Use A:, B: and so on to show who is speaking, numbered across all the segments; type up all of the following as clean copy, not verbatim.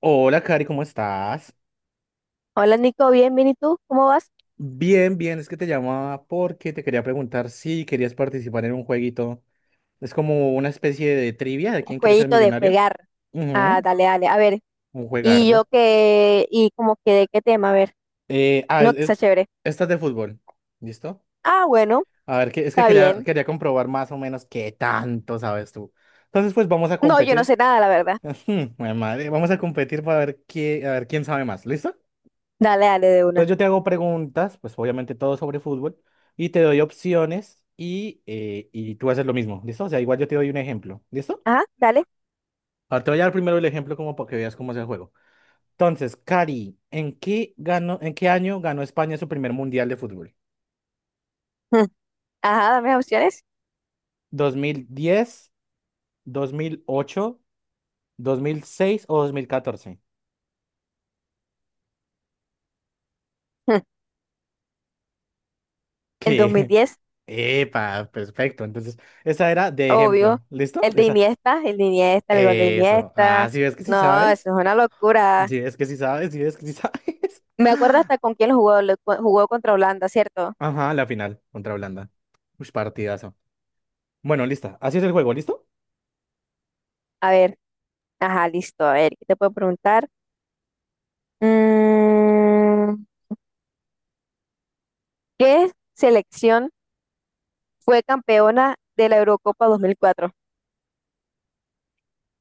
A: Hola, Cari, ¿cómo estás?
B: Hola, Nico, bien, bien, ¿y tú? ¿Cómo vas?
A: Bien, bien, es que te llamaba porque te quería preguntar si querías participar en un jueguito. Es como una especie de trivia de
B: Un
A: quién quiere ser
B: jueguito de
A: millonario.
B: jugar. Ah,
A: Ujú,
B: dale, dale, a ver.
A: un
B: ¿Y yo
A: juegardo.
B: qué? ¿Y como que de qué tema? A ver,
A: Eh, ah,
B: no que
A: es,
B: sea chévere.
A: esta es de fútbol. ¿Listo?
B: Ah, bueno,
A: A ver, que, es que
B: está
A: quería,
B: bien.
A: quería comprobar más o menos qué tanto sabes tú. Entonces, pues vamos a
B: No, yo no
A: competir.
B: sé nada, la verdad.
A: Ujú, jue madre, vamos a competir para ver qué, a ver quién sabe más. ¿Listo?
B: Dale, dale, de
A: Entonces
B: una.
A: yo te hago preguntas, pues obviamente todo sobre fútbol, y te doy opciones y tú haces lo mismo, ¿listo? O sea, igual yo te doy un ejemplo, ¿listo?
B: Ajá, dale.
A: Ahora te voy a dar primero el ejemplo como para que veas cómo es el juego. Entonces, Cari, ¿en qué ganó, en qué año ganó España su primer mundial de fútbol?
B: Mm. Ajá, dame las opciones.
A: Dos mil diez, 2008, 2006 o 2014.
B: Mm. El dos mil
A: ¿Qué?
B: diez,
A: Epa, perfecto. Entonces, esa era de
B: obvio.
A: ejemplo, ¿listo?
B: El de
A: Esa.
B: Iniesta, el de Iniesta, el gol de
A: Eso. Ah,
B: Iniesta.
A: sí ves que sí
B: No,
A: sabes.
B: eso es una locura.
A: Si es que sí sabes, si es que sí sabes.
B: Me acuerdo hasta con quién lo jugó, jugó contra Holanda, ¿cierto?
A: Ajá, la final contra Holanda. Uy, partidazo. Bueno, lista. Así es el juego, ¿listo?
B: A ver, ajá, listo. A ver, ¿qué te puedo preguntar? Mm, ¿Qué selección fue campeona de la Eurocopa 2004?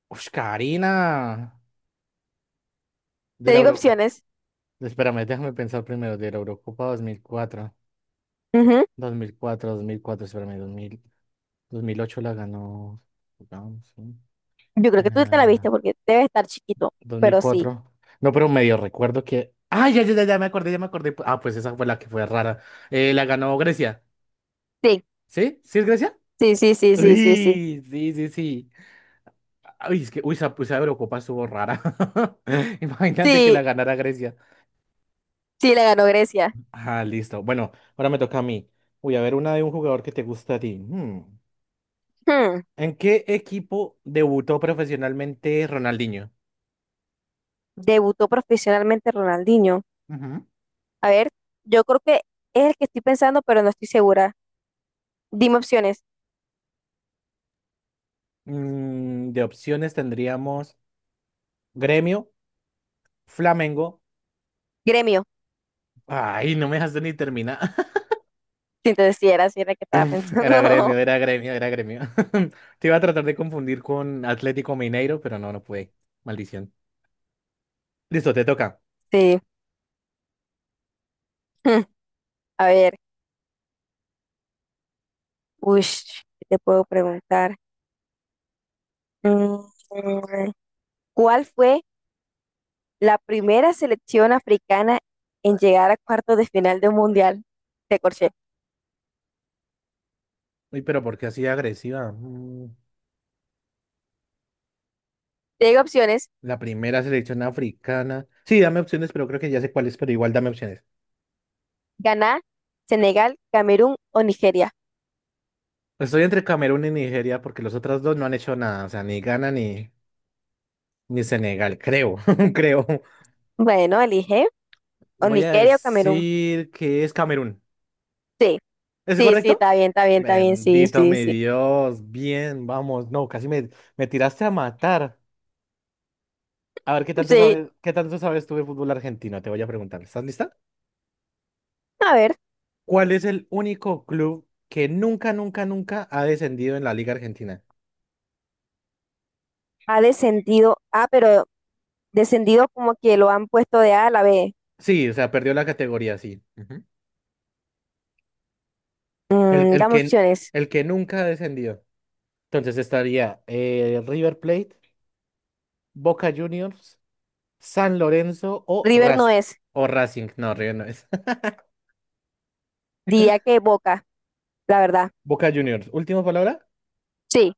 A: Uy, Karina. De
B: Te
A: la
B: digo
A: Euro...
B: opciones.
A: Espérame, déjame pensar primero. De la Eurocopa dos mil cuatro.
B: Ujú.
A: 2004, dos mil cuatro, 2004. 2004, 2004, espérame, 2008 la ganó. Jugamos, sí.
B: Yo creo que tú te la viste
A: Ah,
B: porque debe estar chiquito,
A: dos mil
B: pero sí.
A: cuatro No, pero medio recuerdo que... Ah, ya, ya, ya, ya me acordé, ya me acordé. Ah, pues esa fue la que fue rara. La ganó Grecia.
B: Sí,
A: ¿Sí? ¿Sí es Grecia?
B: sí, sí, sí, sí, sí, sí.
A: Uy, sí, sí, sí. Uy, es que uy, esa, pues, esa Eurocopa estuvo rara. Imagínate que la
B: Sí,
A: ganara Grecia.
B: sí, la ganó Grecia.
A: Ah, listo. Bueno, ahora me toca a mí. Voy a ver una de un jugador que te gusta a ti. Hmm.
B: Hmm,
A: ¿En qué equipo debutó profesionalmente Ronaldinho?
B: Debutó profesionalmente Ronaldinho.
A: Ujú.
B: A ver, yo creo que es el que estoy pensando, pero no estoy segura. Dime opciones.
A: De opciones tendríamos Gremio, Flamengo.
B: Gremio.
A: Ay, no me dejaste ni terminar.
B: Sí, entonces sí era el que estaba
A: Era
B: pensando.
A: Gremio, era Gremio, era Gremio. Te iba a tratar de confundir con Atlético Mineiro, pero no, no pude. Maldición. Listo, te toca.
B: Sí. Hmm, a ver, uy, ¿qué te puedo preguntar? Mm, mm, ¿Cuál fue la primera selección africana en llegar a cuartos de final de un mundial? De corché.
A: Uy, pero ¿por qué así agresiva?
B: Te digo opciones:
A: La primera selección africana. Sí, dame opciones, pero creo que ya sé cuál es, pero igual dame opciones.
B: Ghana, Senegal, Camerún o Nigeria.
A: Estoy entre Camerún y Nigeria porque los otros dos no han hecho nada. O sea, ni Ghana ni Senegal, creo, creo.
B: Bueno, elige o
A: Voy a
B: Nigeria o Camerún.
A: decir que es Camerún.
B: Sí,
A: ¿Es
B: sí, sí,
A: correcto?
B: está bien, está bien, está bien. Sí,
A: Bendito
B: sí,
A: mi
B: sí.
A: Dios. Bien, vamos. No, casi me tiraste a matar. A ver,
B: Sí,
A: qué tanto sabes tú de fútbol argentino? Te voy a preguntar. ¿Estás lista?
B: a ver,
A: ¿Cuál es el único club que nunca, nunca, nunca ha descendido en la Liga Argentina?
B: ha descendido. Ah, pero descendido como que lo han puesto de A a la B.
A: Sí, o sea, perdió la categoría, sí. Ujú. El, el
B: Dame
A: que,
B: opciones.
A: el que nunca ha descendido. Entonces estaría River Plate, Boca Juniors, San Lorenzo o
B: River no
A: Raz
B: es.
A: o Racing. No, River no es.
B: Diría que Boca, la verdad.
A: Boca Juniors. Última palabra.
B: Sí.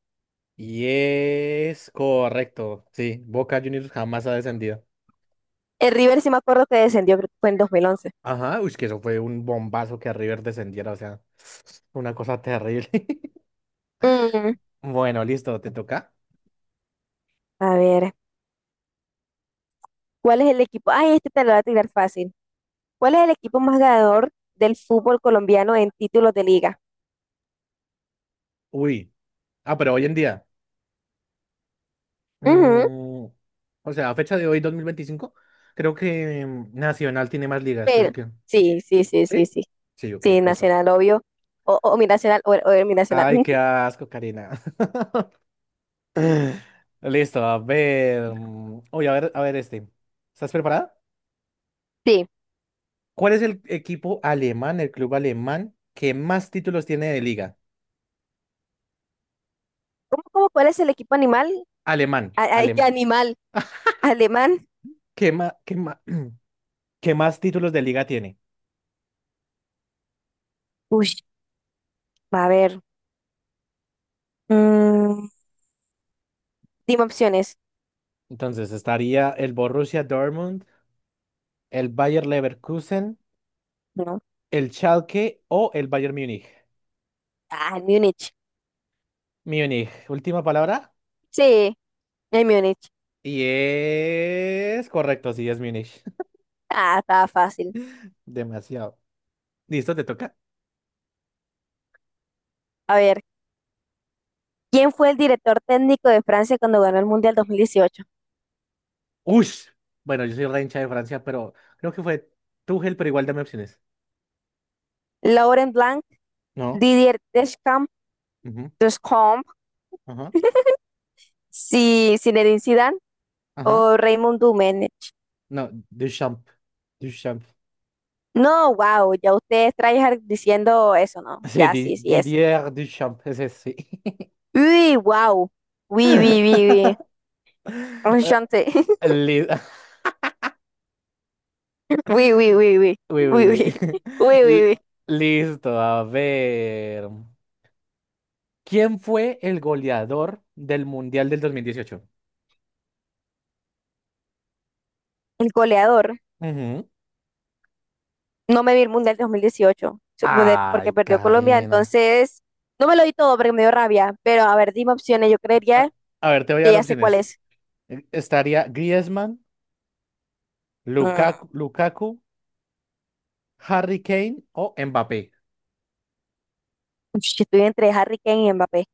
A: Y es correcto. Sí, Boca Juniors jamás ha descendido.
B: El River sí me acuerdo que descendió, creo que fue en 2011.
A: Ajá, uy, que eso fue un bombazo que River descendiera, o sea, una cosa terrible.
B: Mm,
A: Bueno, listo, ¿te toca?
B: a ver, ¿cuál es el equipo? Ay, este te lo voy a tirar fácil. ¿Cuál es el equipo más ganador del fútbol colombiano en títulos de liga?
A: Uy, ah, pero hoy en día,
B: Ujú,
A: mm, o sea, a fecha de hoy, 2025 creo que Nacional tiene más ligas, ¿es
B: pero,
A: que?
B: sí, sí, sí, sí,
A: ¿Sí?
B: sí.
A: Sí, ok,
B: Sí,
A: listo.
B: Nacional, obvio. O mi Nacional, o mi Nacional.
A: Ay, qué asco, Karina. Listo, a ver. Uy, a ver este. ¿Estás preparada?
B: Sí.
A: ¿Cuál es el equipo alemán, el club alemán que más títulos tiene de liga?
B: ¿Cuál es el equipo animal?
A: Alemán,
B: ¿Qué
A: alemán.
B: animal? ¿Alemán?
A: ¿Qué más? Que más títulos de liga tiene.
B: Uy, a ver. Mm, dime opciones.
A: Entonces estaría el Borussia Dortmund, el Bayer Leverkusen,
B: No.
A: el Schalke o el Bayern Múnich.
B: Ah, el Múnich.
A: Múnich, última palabra.
B: Sí, el Múnich.
A: Y es correcto, sí, es Múnich.
B: Ah, estaba fácil.
A: Demasiado. ¿Listo? ¿Te toca?
B: A ver. ¿Quién fue el director técnico de Francia cuando ganó el Mundial 2018?
A: ¡Ush! Bueno, yo soy re hincha de Francia, pero creo que fue Tuchel, pero igual dame opciones.
B: ¿Laurent Blanc,
A: No.
B: Didier Deschamps,
A: Ujú.
B: Deschamps,
A: Ajá.
B: Zinedine Zidane
A: Ajá.
B: o Raymond Domenech?
A: No, Duchamp. Duchamp.
B: No, wow, ya ustedes traen diciendo eso, ¿no?
A: Sí,
B: Ya, sí, sí es.
A: Didier Duchamp, ese sí.
B: Uy, wow. Uy, uy, uy, uy. Enchanté.
A: Eh, li-
B: Uy, uy, uy, uy.
A: Uy, uy,
B: Uy, uy.
A: uy.
B: Uy,
A: L-
B: uy, uy.
A: Listo, a ver. ¿Quién fue el goleador del Mundial del 2018?
B: El goleador.
A: Ujú.
B: No me vi el Mundial 2018 porque
A: Ay,
B: perdió Colombia,
A: Karina.
B: entonces no me lo di todo porque me dio rabia. Pero a ver, dime opciones. Yo
A: A,
B: creería
A: a ver, te voy a
B: que
A: dar
B: ya sé cuál
A: opciones.
B: es.
A: Estaría Griezmann,
B: Mm,
A: Lukaku, Harry Kane o Mbappé.
B: ush, estoy entre Harry Kane y Mbappé.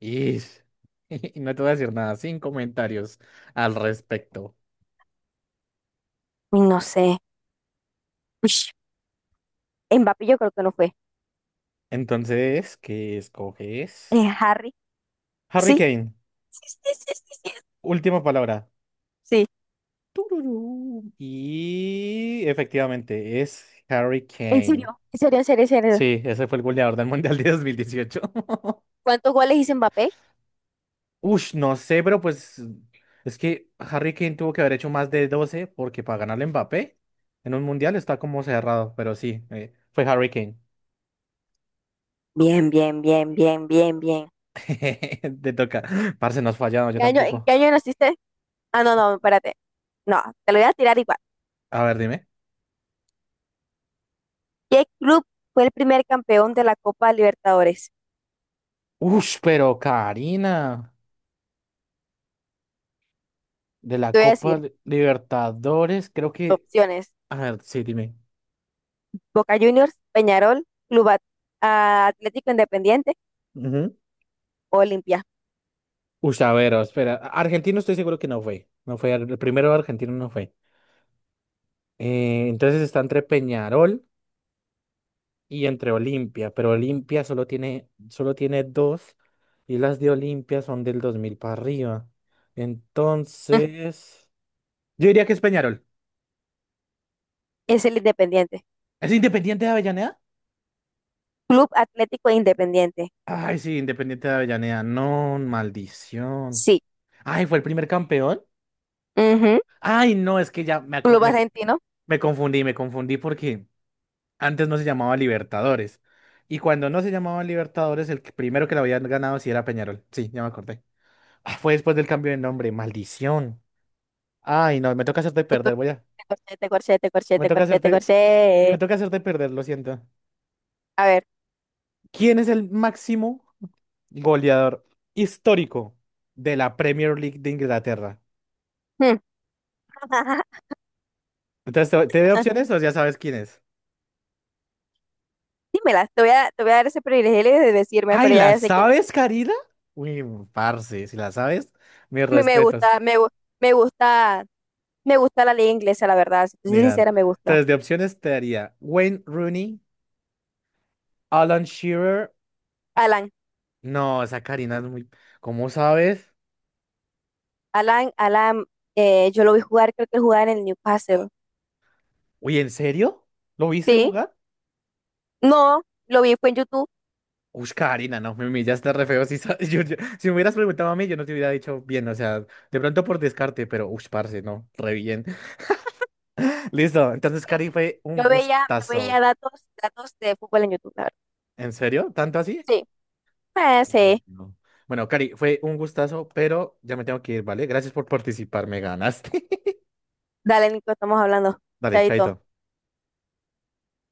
A: Ish. Y no te voy a decir nada, sin comentarios al respecto.
B: Uy, no sé. Ush, Mbappé yo creo que no fue.
A: Entonces, ¿qué escoges?
B: Harry.
A: Harry
B: Sí,
A: Kane,
B: sí, sí, sí, sí, sí.
A: última palabra.
B: Sí,
A: Tururú. Y efectivamente, es Harry
B: en
A: Kane.
B: serio, en serio, en serio, en serio.
A: Sí, ese fue el goleador del Mundial de 2018.
B: ¿Cuántos goles hizo Mbappé?
A: Ush, no sé, pero pues es que Harry Kane tuvo que haber hecho más de 12 porque para ganarle a Mbappé en un Mundial está como cerrado, pero sí, fue Harry Kane.
B: Bien, bien, bien, bien, bien, bien.
A: Te toca. Parce, nos fallaron, yo
B: ¿Qué año, en qué
A: tampoco.
B: año naciste? Ah, no, no, espérate. No, te lo voy a tirar igual.
A: A ver, dime.
B: ¿Qué club fue el primer campeón de la Copa Libertadores?
A: Ush, pero Karina, de la
B: Te voy a
A: Copa
B: decir
A: Libertadores, creo que...
B: opciones.
A: A ver, sí, dime.
B: Boca Juniors, Peñarol, Club At- Atlético Independiente o Olimpia.
A: Uy, a ver, oh, espera. Argentino estoy seguro que no fue. No fue, el primero argentino no fue. Entonces está entre Peñarol y entre Olimpia, pero Olimpia solo tiene dos y las de Olimpia son del 2000 para arriba. Entonces, yo diría que es Peñarol.
B: Es el Independiente.
A: ¿Es Independiente de Avellaneda?
B: Club Atlético Independiente.
A: Ay, sí, Independiente de Avellaneda. No, maldición.
B: Sí.
A: Ay, ¿fue el primer campeón?
B: Ujú.
A: Ay, no, es que ya me, acu-
B: Club
A: me,
B: Argentino.
A: me confundí porque... Antes no se llamaba Libertadores. Y cuando no se llamaba Libertadores, primero que la habían ganado sí era Peñarol. Sí, ya me acordé. Ah, fue después del cambio de nombre. Maldición. Ay, no, me toca hacerte
B: Te
A: perder, voy
B: corché,
A: a.
B: te corché, te corché, te corché,
A: Me
B: te
A: toca
B: corché, te
A: hacerte.
B: corché.
A: Me toca hacerte perder, lo siento.
B: A ver.
A: ¿Quién es el máximo goleador histórico de la Premier League de Inglaterra?
B: Hmm.
A: Entonces, ¿te doy opciones o ya sabes quién es?
B: Dímela. Te voy a dar ese privilegio de decirme,
A: Ay,
B: pero
A: ¿la
B: ya sé quién.
A: sabes, Karina? Uy, parce, si la sabes, mis
B: A mí me
A: respetos.
B: gusta, me gusta, me gusta la liga inglesa, la verdad. Si te soy
A: Miran.
B: sincera, me gusta.
A: Entonces, de opciones te daría Wayne Rooney, Alan Shearer.
B: Alan,
A: No, esa Karina es muy. ¿Cómo sabes?
B: Alan, Alan, yo lo vi jugar, creo que jugaba en el Newcastle.
A: Uy, ¿en serio? ¿Lo viste
B: Sí.
A: jugar?
B: No, lo vi, fue en YouTube.
A: Uy, Karina, no, me humillaste re feo. Si, si me hubieras preguntado a mí, yo no te hubiera dicho bien, o sea, de pronto por descarte, pero uy, parce, no, re bien. Listo, entonces, Cari, fue un
B: Yo veía
A: gustazo.
B: datos de fútbol en YouTube, la verdad.
A: ¿En serio? ¿Tanto así?
B: Sí. Sí.
A: Uy, no. Bueno, Cari, fue un gustazo, pero ya me tengo que ir, ¿vale? Gracias por participar, me ganaste.
B: Dale, Nico, estamos hablando.
A: Dale,
B: Chaito.
A: chaito.